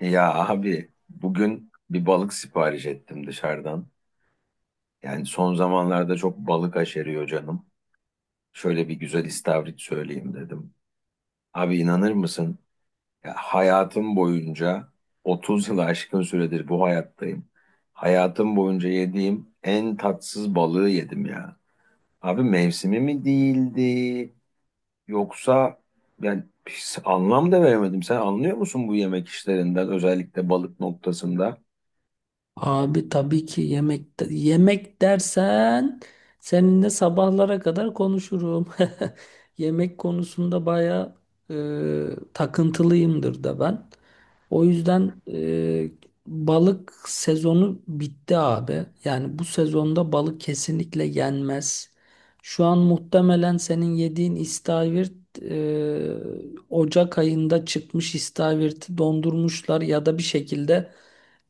Ya abi bugün bir balık sipariş ettim dışarıdan. Yani son zamanlarda çok balık aşeriyor canım. Şöyle bir güzel istavrit söyleyeyim dedim. Abi inanır mısın? Ya hayatım boyunca 30 yılı aşkın süredir bu hayattayım. Hayatım boyunca yediğim en tatsız balığı yedim ya. Abi mevsimi mi değildi yoksa yani hiç anlam da veremedim. Sen anlıyor musun bu yemek işlerinden özellikle balık noktasında? Abi tabii ki yemek dersen seninle sabahlara kadar konuşurum. Yemek konusunda baya e, takıntılıyımdır da ben. O yüzden balık sezonu bitti abi. Yani bu sezonda balık kesinlikle yenmez. Şu an muhtemelen senin yediğin istavrit e, Ocak ayında çıkmış istavriti dondurmuşlar ya da bir şekilde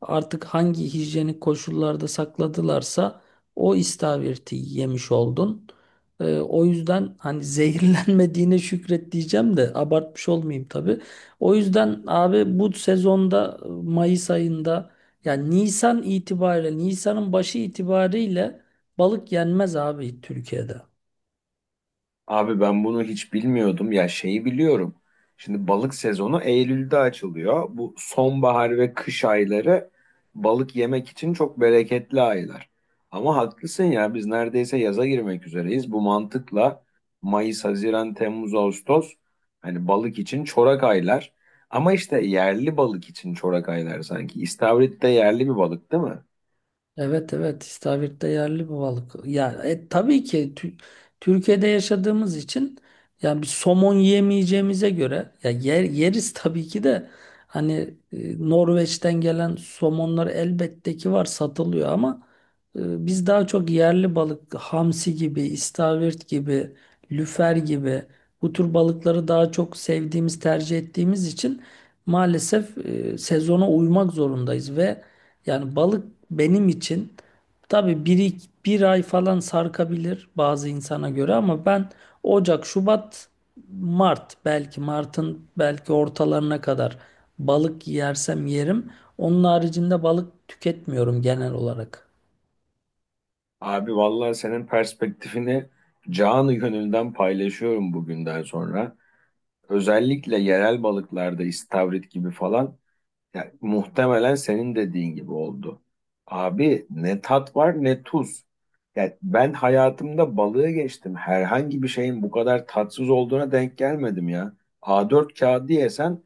artık hangi hijyenik koşullarda sakladılarsa o istavriti yemiş oldun. O yüzden hani zehirlenmediğine şükret diyeceğim de abartmış olmayayım tabii. O yüzden abi bu sezonda Mayıs ayında yani Nisan itibariyle Nisan'ın başı itibariyle balık yenmez abi Türkiye'de. Abi ben bunu hiç bilmiyordum. Ya şeyi biliyorum. Şimdi balık sezonu Eylül'de açılıyor. Bu sonbahar ve kış ayları balık yemek için çok bereketli aylar. Ama haklısın ya biz neredeyse yaza girmek üzereyiz. Bu mantıkla Mayıs, Haziran, Temmuz, Ağustos hani balık için çorak aylar. Ama işte yerli balık için çorak aylar sanki. İstavrit de yerli bir balık değil mi? Evet evet istavrit'te yerli bu balık. Ya tabii ki Türkiye'de yaşadığımız için yani bir somon yiyemeyeceğimize göre ya yeriz tabii ki de hani Norveç'ten gelen somonlar elbette ki var satılıyor ama biz daha çok yerli balık hamsi gibi, istavrit gibi, lüfer gibi bu tür balıkları daha çok sevdiğimiz, tercih ettiğimiz için maalesef sezona uymak zorundayız ve yani balık benim için tabii bir ay falan sarkabilir bazı insana göre ama ben Ocak, Şubat, Mart belki Mart'ın belki ortalarına kadar balık yersem yerim. Onun haricinde balık tüketmiyorum genel olarak. Abi vallahi senin perspektifini canı gönülden paylaşıyorum bugünden sonra. Özellikle yerel balıklarda istavrit gibi falan, ya, muhtemelen senin dediğin gibi oldu. Abi ne tat var ne tuz. Ya ben hayatımda balığı geçtim. Herhangi bir şeyin bu kadar tatsız olduğuna denk gelmedim ya. A4 kağıdı yesen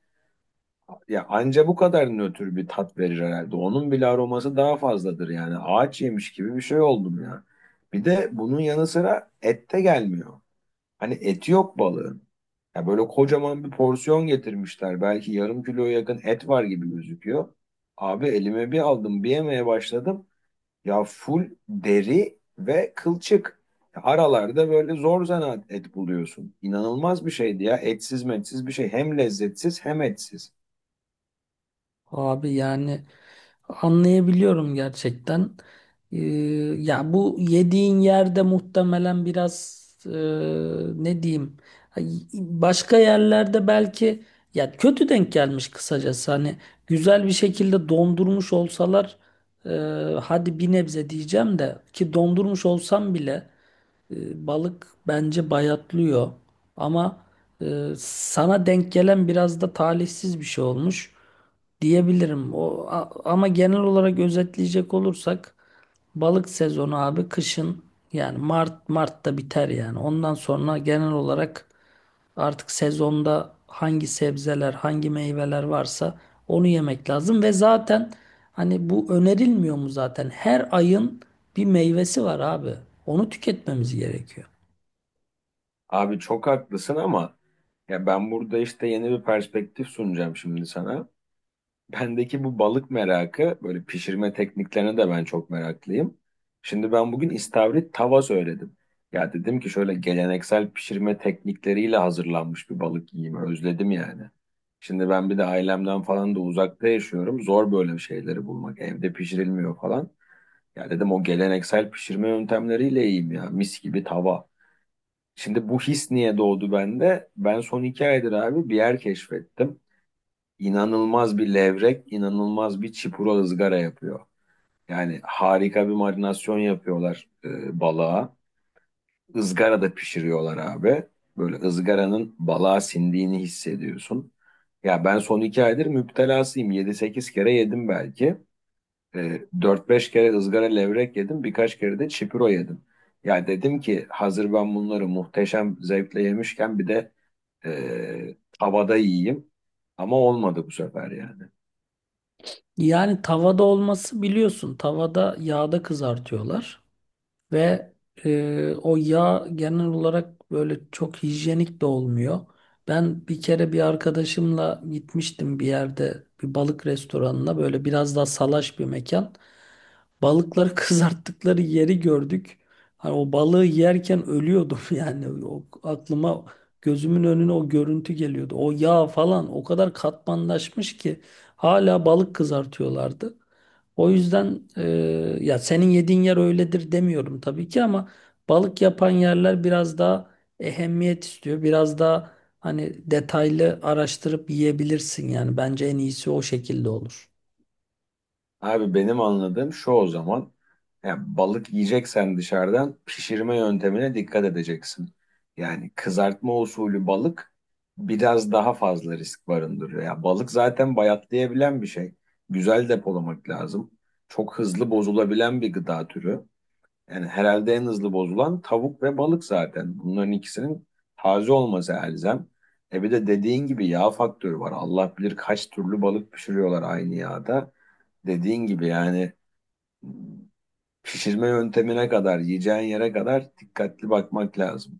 ya anca bu kadar nötr bir tat verir herhalde. Onun bile aroması daha fazladır yani. Ağaç yemiş gibi bir şey oldum ya. Bir de bunun yanı sıra et de gelmiyor. Hani eti yok balığın. Ya böyle kocaman bir porsiyon getirmişler. Belki yarım kiloya yakın et var gibi gözüküyor. Abi elime bir aldım, bir yemeye başladım. Ya full deri ve kılçık. Ya aralarda böyle zor zanaat et buluyorsun. İnanılmaz bir şeydi ya. Etsiz metsiz bir şey. Hem lezzetsiz hem etsiz. Abi yani anlayabiliyorum gerçekten. Ee, Ya bu yediğin yerde muhtemelen biraz ne diyeyim başka yerlerde belki ya kötü denk gelmiş kısacası hani güzel bir şekilde dondurmuş olsalar e, hadi bir nebze diyeceğim de ki dondurmuş olsam bile balık bence bayatlıyor ama sana denk gelen biraz da talihsiz bir şey olmuş diyebilirim. Ama genel olarak özetleyecek olursak balık sezonu abi kışın yani Mart'ta biter yani. Ondan sonra genel olarak artık sezonda hangi sebzeler, hangi meyveler varsa onu yemek lazım ve zaten hani bu önerilmiyor mu zaten? Her ayın bir meyvesi var abi. Onu tüketmemiz gerekiyor. Abi çok haklısın ama ya ben burada işte yeni bir perspektif sunacağım şimdi sana. Bendeki bu balık merakı, böyle pişirme tekniklerine de ben çok meraklıyım. Şimdi ben bugün istavrit tava söyledim. Ya dedim ki şöyle geleneksel pişirme teknikleriyle hazırlanmış bir balık yiyeyim, özledim yani. Şimdi ben bir de ailemden falan da uzakta yaşıyorum. Zor böyle şeyleri bulmak, evde pişirilmiyor falan. Ya dedim o geleneksel pişirme yöntemleriyle yiyeyim ya, mis gibi tava. Şimdi bu his niye doğdu bende? Ben son iki aydır abi bir yer keşfettim, inanılmaz bir levrek, inanılmaz bir çipura ızgara yapıyor. Yani harika bir marinasyon yapıyorlar balığa. Izgara da pişiriyorlar abi. Böyle ızgaranın balığa sindiğini hissediyorsun. Ya ben son iki aydır müptelasıyım. Yedi sekiz kere yedim belki. E, 4-5 kere ızgara levrek yedim. Birkaç kere de çipuro yedim. Ya dedim ki hazır ben bunları muhteşem zevkle yemişken bir de havada yiyeyim. Ama olmadı bu sefer yani. Yani tavada olması biliyorsun. Tavada yağda kızartıyorlar. Ve o yağ genel olarak böyle çok hijyenik de olmuyor. Ben bir kere bir arkadaşımla gitmiştim bir yerde bir balık restoranına böyle biraz daha salaş bir mekan. Balıkları kızarttıkları yeri gördük. Hani o balığı yerken ölüyordum yani o aklıma gözümün önüne o görüntü geliyordu. O yağ falan o kadar katmanlaşmış ki hala balık kızartıyorlardı. O yüzden ya senin yediğin yer öyledir demiyorum tabii ki ama balık yapan yerler biraz daha ehemmiyet istiyor. Biraz daha hani detaylı araştırıp yiyebilirsin yani bence en iyisi o şekilde olur. Abi benim anladığım şu o zaman. Yani balık yiyeceksen dışarıdan pişirme yöntemine dikkat edeceksin. Yani kızartma usulü balık biraz daha fazla risk barındırıyor. Ya balık zaten bayatlayabilen bir şey. Güzel depolamak lazım. Çok hızlı bozulabilen bir gıda türü. Yani herhalde en hızlı bozulan tavuk ve balık zaten. Bunların ikisinin taze olması elzem. E bir de dediğin gibi yağ faktörü var. Allah bilir kaç türlü balık pişiriyorlar aynı yağda. Dediğin gibi yani pişirme yöntemine kadar, yiyeceğin yere kadar dikkatli bakmak lazım.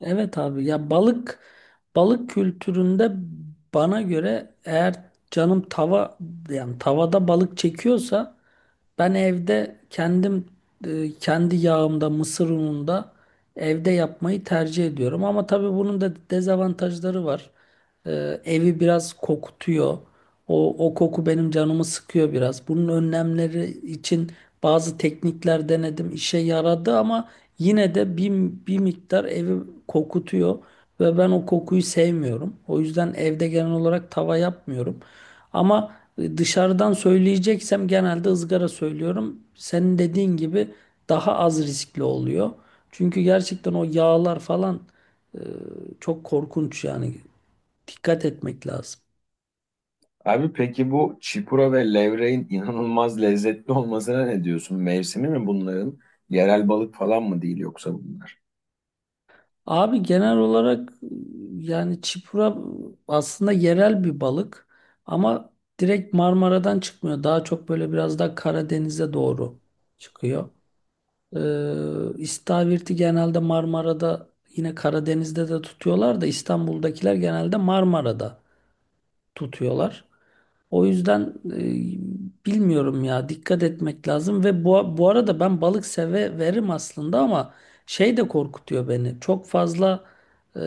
Evet abi ya balık kültüründe bana göre eğer canım tava yani tavada balık çekiyorsa ben evde kendim kendi yağımda, mısır ununda evde yapmayı tercih ediyorum. Ama tabii bunun da dezavantajları var. E, Evi biraz kokutuyor. O koku benim canımı sıkıyor biraz. Bunun önlemleri için bazı teknikler denedim. İşe yaradı ama yine de bir miktar evi kokutuyor. Ve ben o kokuyu sevmiyorum. O yüzden evde genel olarak tava yapmıyorum. Ama... Dışarıdan söyleyeceksem genelde ızgara söylüyorum. Senin dediğin gibi daha az riskli oluyor. Çünkü gerçekten o yağlar falan e, çok korkunç yani. Dikkat etmek lazım. Abi peki bu çipura ve levreğin inanılmaz lezzetli olmasına ne diyorsun? Mevsimi mi bunların? Yerel balık falan mı değil yoksa bunlar? Abi genel olarak yani çipura aslında yerel bir balık ama direkt Marmara'dan çıkmıyor. Daha çok böyle biraz daha Karadeniz'e doğru çıkıyor. Ee, istavirti genelde Marmara'da yine Karadeniz'de de tutuyorlar da İstanbul'dakiler genelde Marmara'da tutuyorlar. O yüzden bilmiyorum ya dikkat etmek lazım ve bu arada ben balık severim aslında ama şey de korkutuyor beni. Çok fazla e,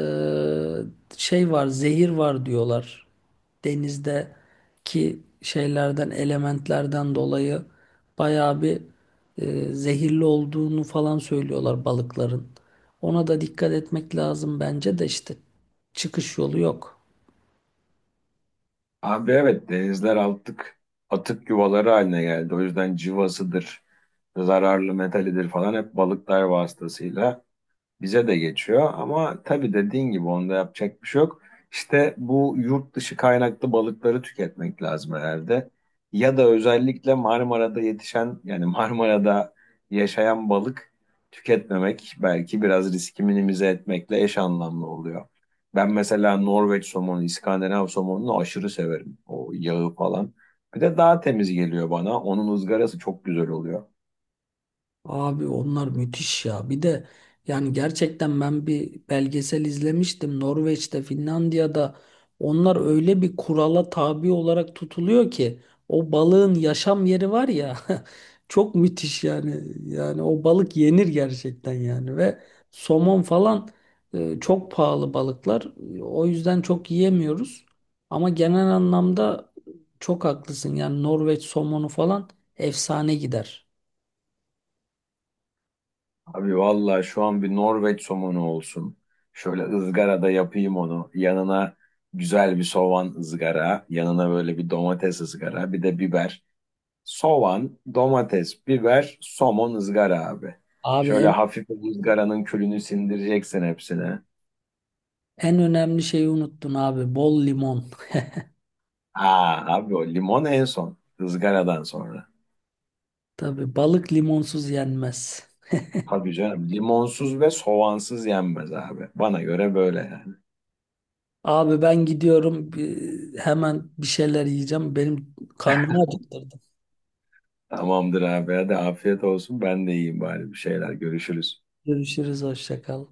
şey var, zehir var diyorlar. Denizdeki şeylerden, elementlerden dolayı bayağı bir zehirli olduğunu falan söylüyorlar balıkların. Ona da dikkat etmek lazım bence de işte çıkış yolu yok. Abi evet denizler artık atık yuvaları haline geldi. O yüzden cıvasıdır, zararlı metalidir falan hep balıklar vasıtasıyla bize de geçiyor ama tabii dediğin gibi onda yapacak bir şey yok. İşte bu yurt dışı kaynaklı balıkları tüketmek lazım herhalde. Ya da özellikle Marmara'da yetişen yani Marmara'da yaşayan balık tüketmemek belki biraz riski minimize etmekle eş anlamlı oluyor. Ben mesela Norveç somonu, İskandinav somonunu aşırı severim. O yağı falan. Bir de daha temiz geliyor bana. Onun ızgarası çok güzel oluyor. Abi onlar müthiş ya. Bir de yani gerçekten ben bir belgesel izlemiştim. Norveç'te, Finlandiya'da onlar öyle bir kurala tabi olarak tutuluyor ki o balığın yaşam yeri var ya çok müthiş yani. Yani o balık yenir gerçekten yani ve somon falan çok pahalı balıklar. O yüzden çok yiyemiyoruz. Ama genel anlamda çok haklısın. Yani Norveç somonu falan efsane gider. Abi vallahi şu an bir Norveç somonu olsun. Şöyle ızgarada yapayım onu. Yanına güzel bir soğan ızgara, yanına böyle bir domates ızgara, bir de biber. Soğan, domates, biber, somon ızgara abi. Abi Şöyle en hafif bu ızgaranın külünü sindireceksin hepsine. En önemli şeyi unuttun abi. Bol limon. Aa abi o limon en son, ızgaradan sonra. Tabii balık limonsuz yenmez. Tabii canım limonsuz ve soğansız yenmez abi. Bana göre böyle yani. Abi ben gidiyorum. Hemen bir şeyler yiyeceğim. Benim karnımı acıktırdın. Tamamdır abi hadi afiyet olsun ben de yiyeyim bari bir şeyler görüşürüz. Görüşürüz. Hoşça kal.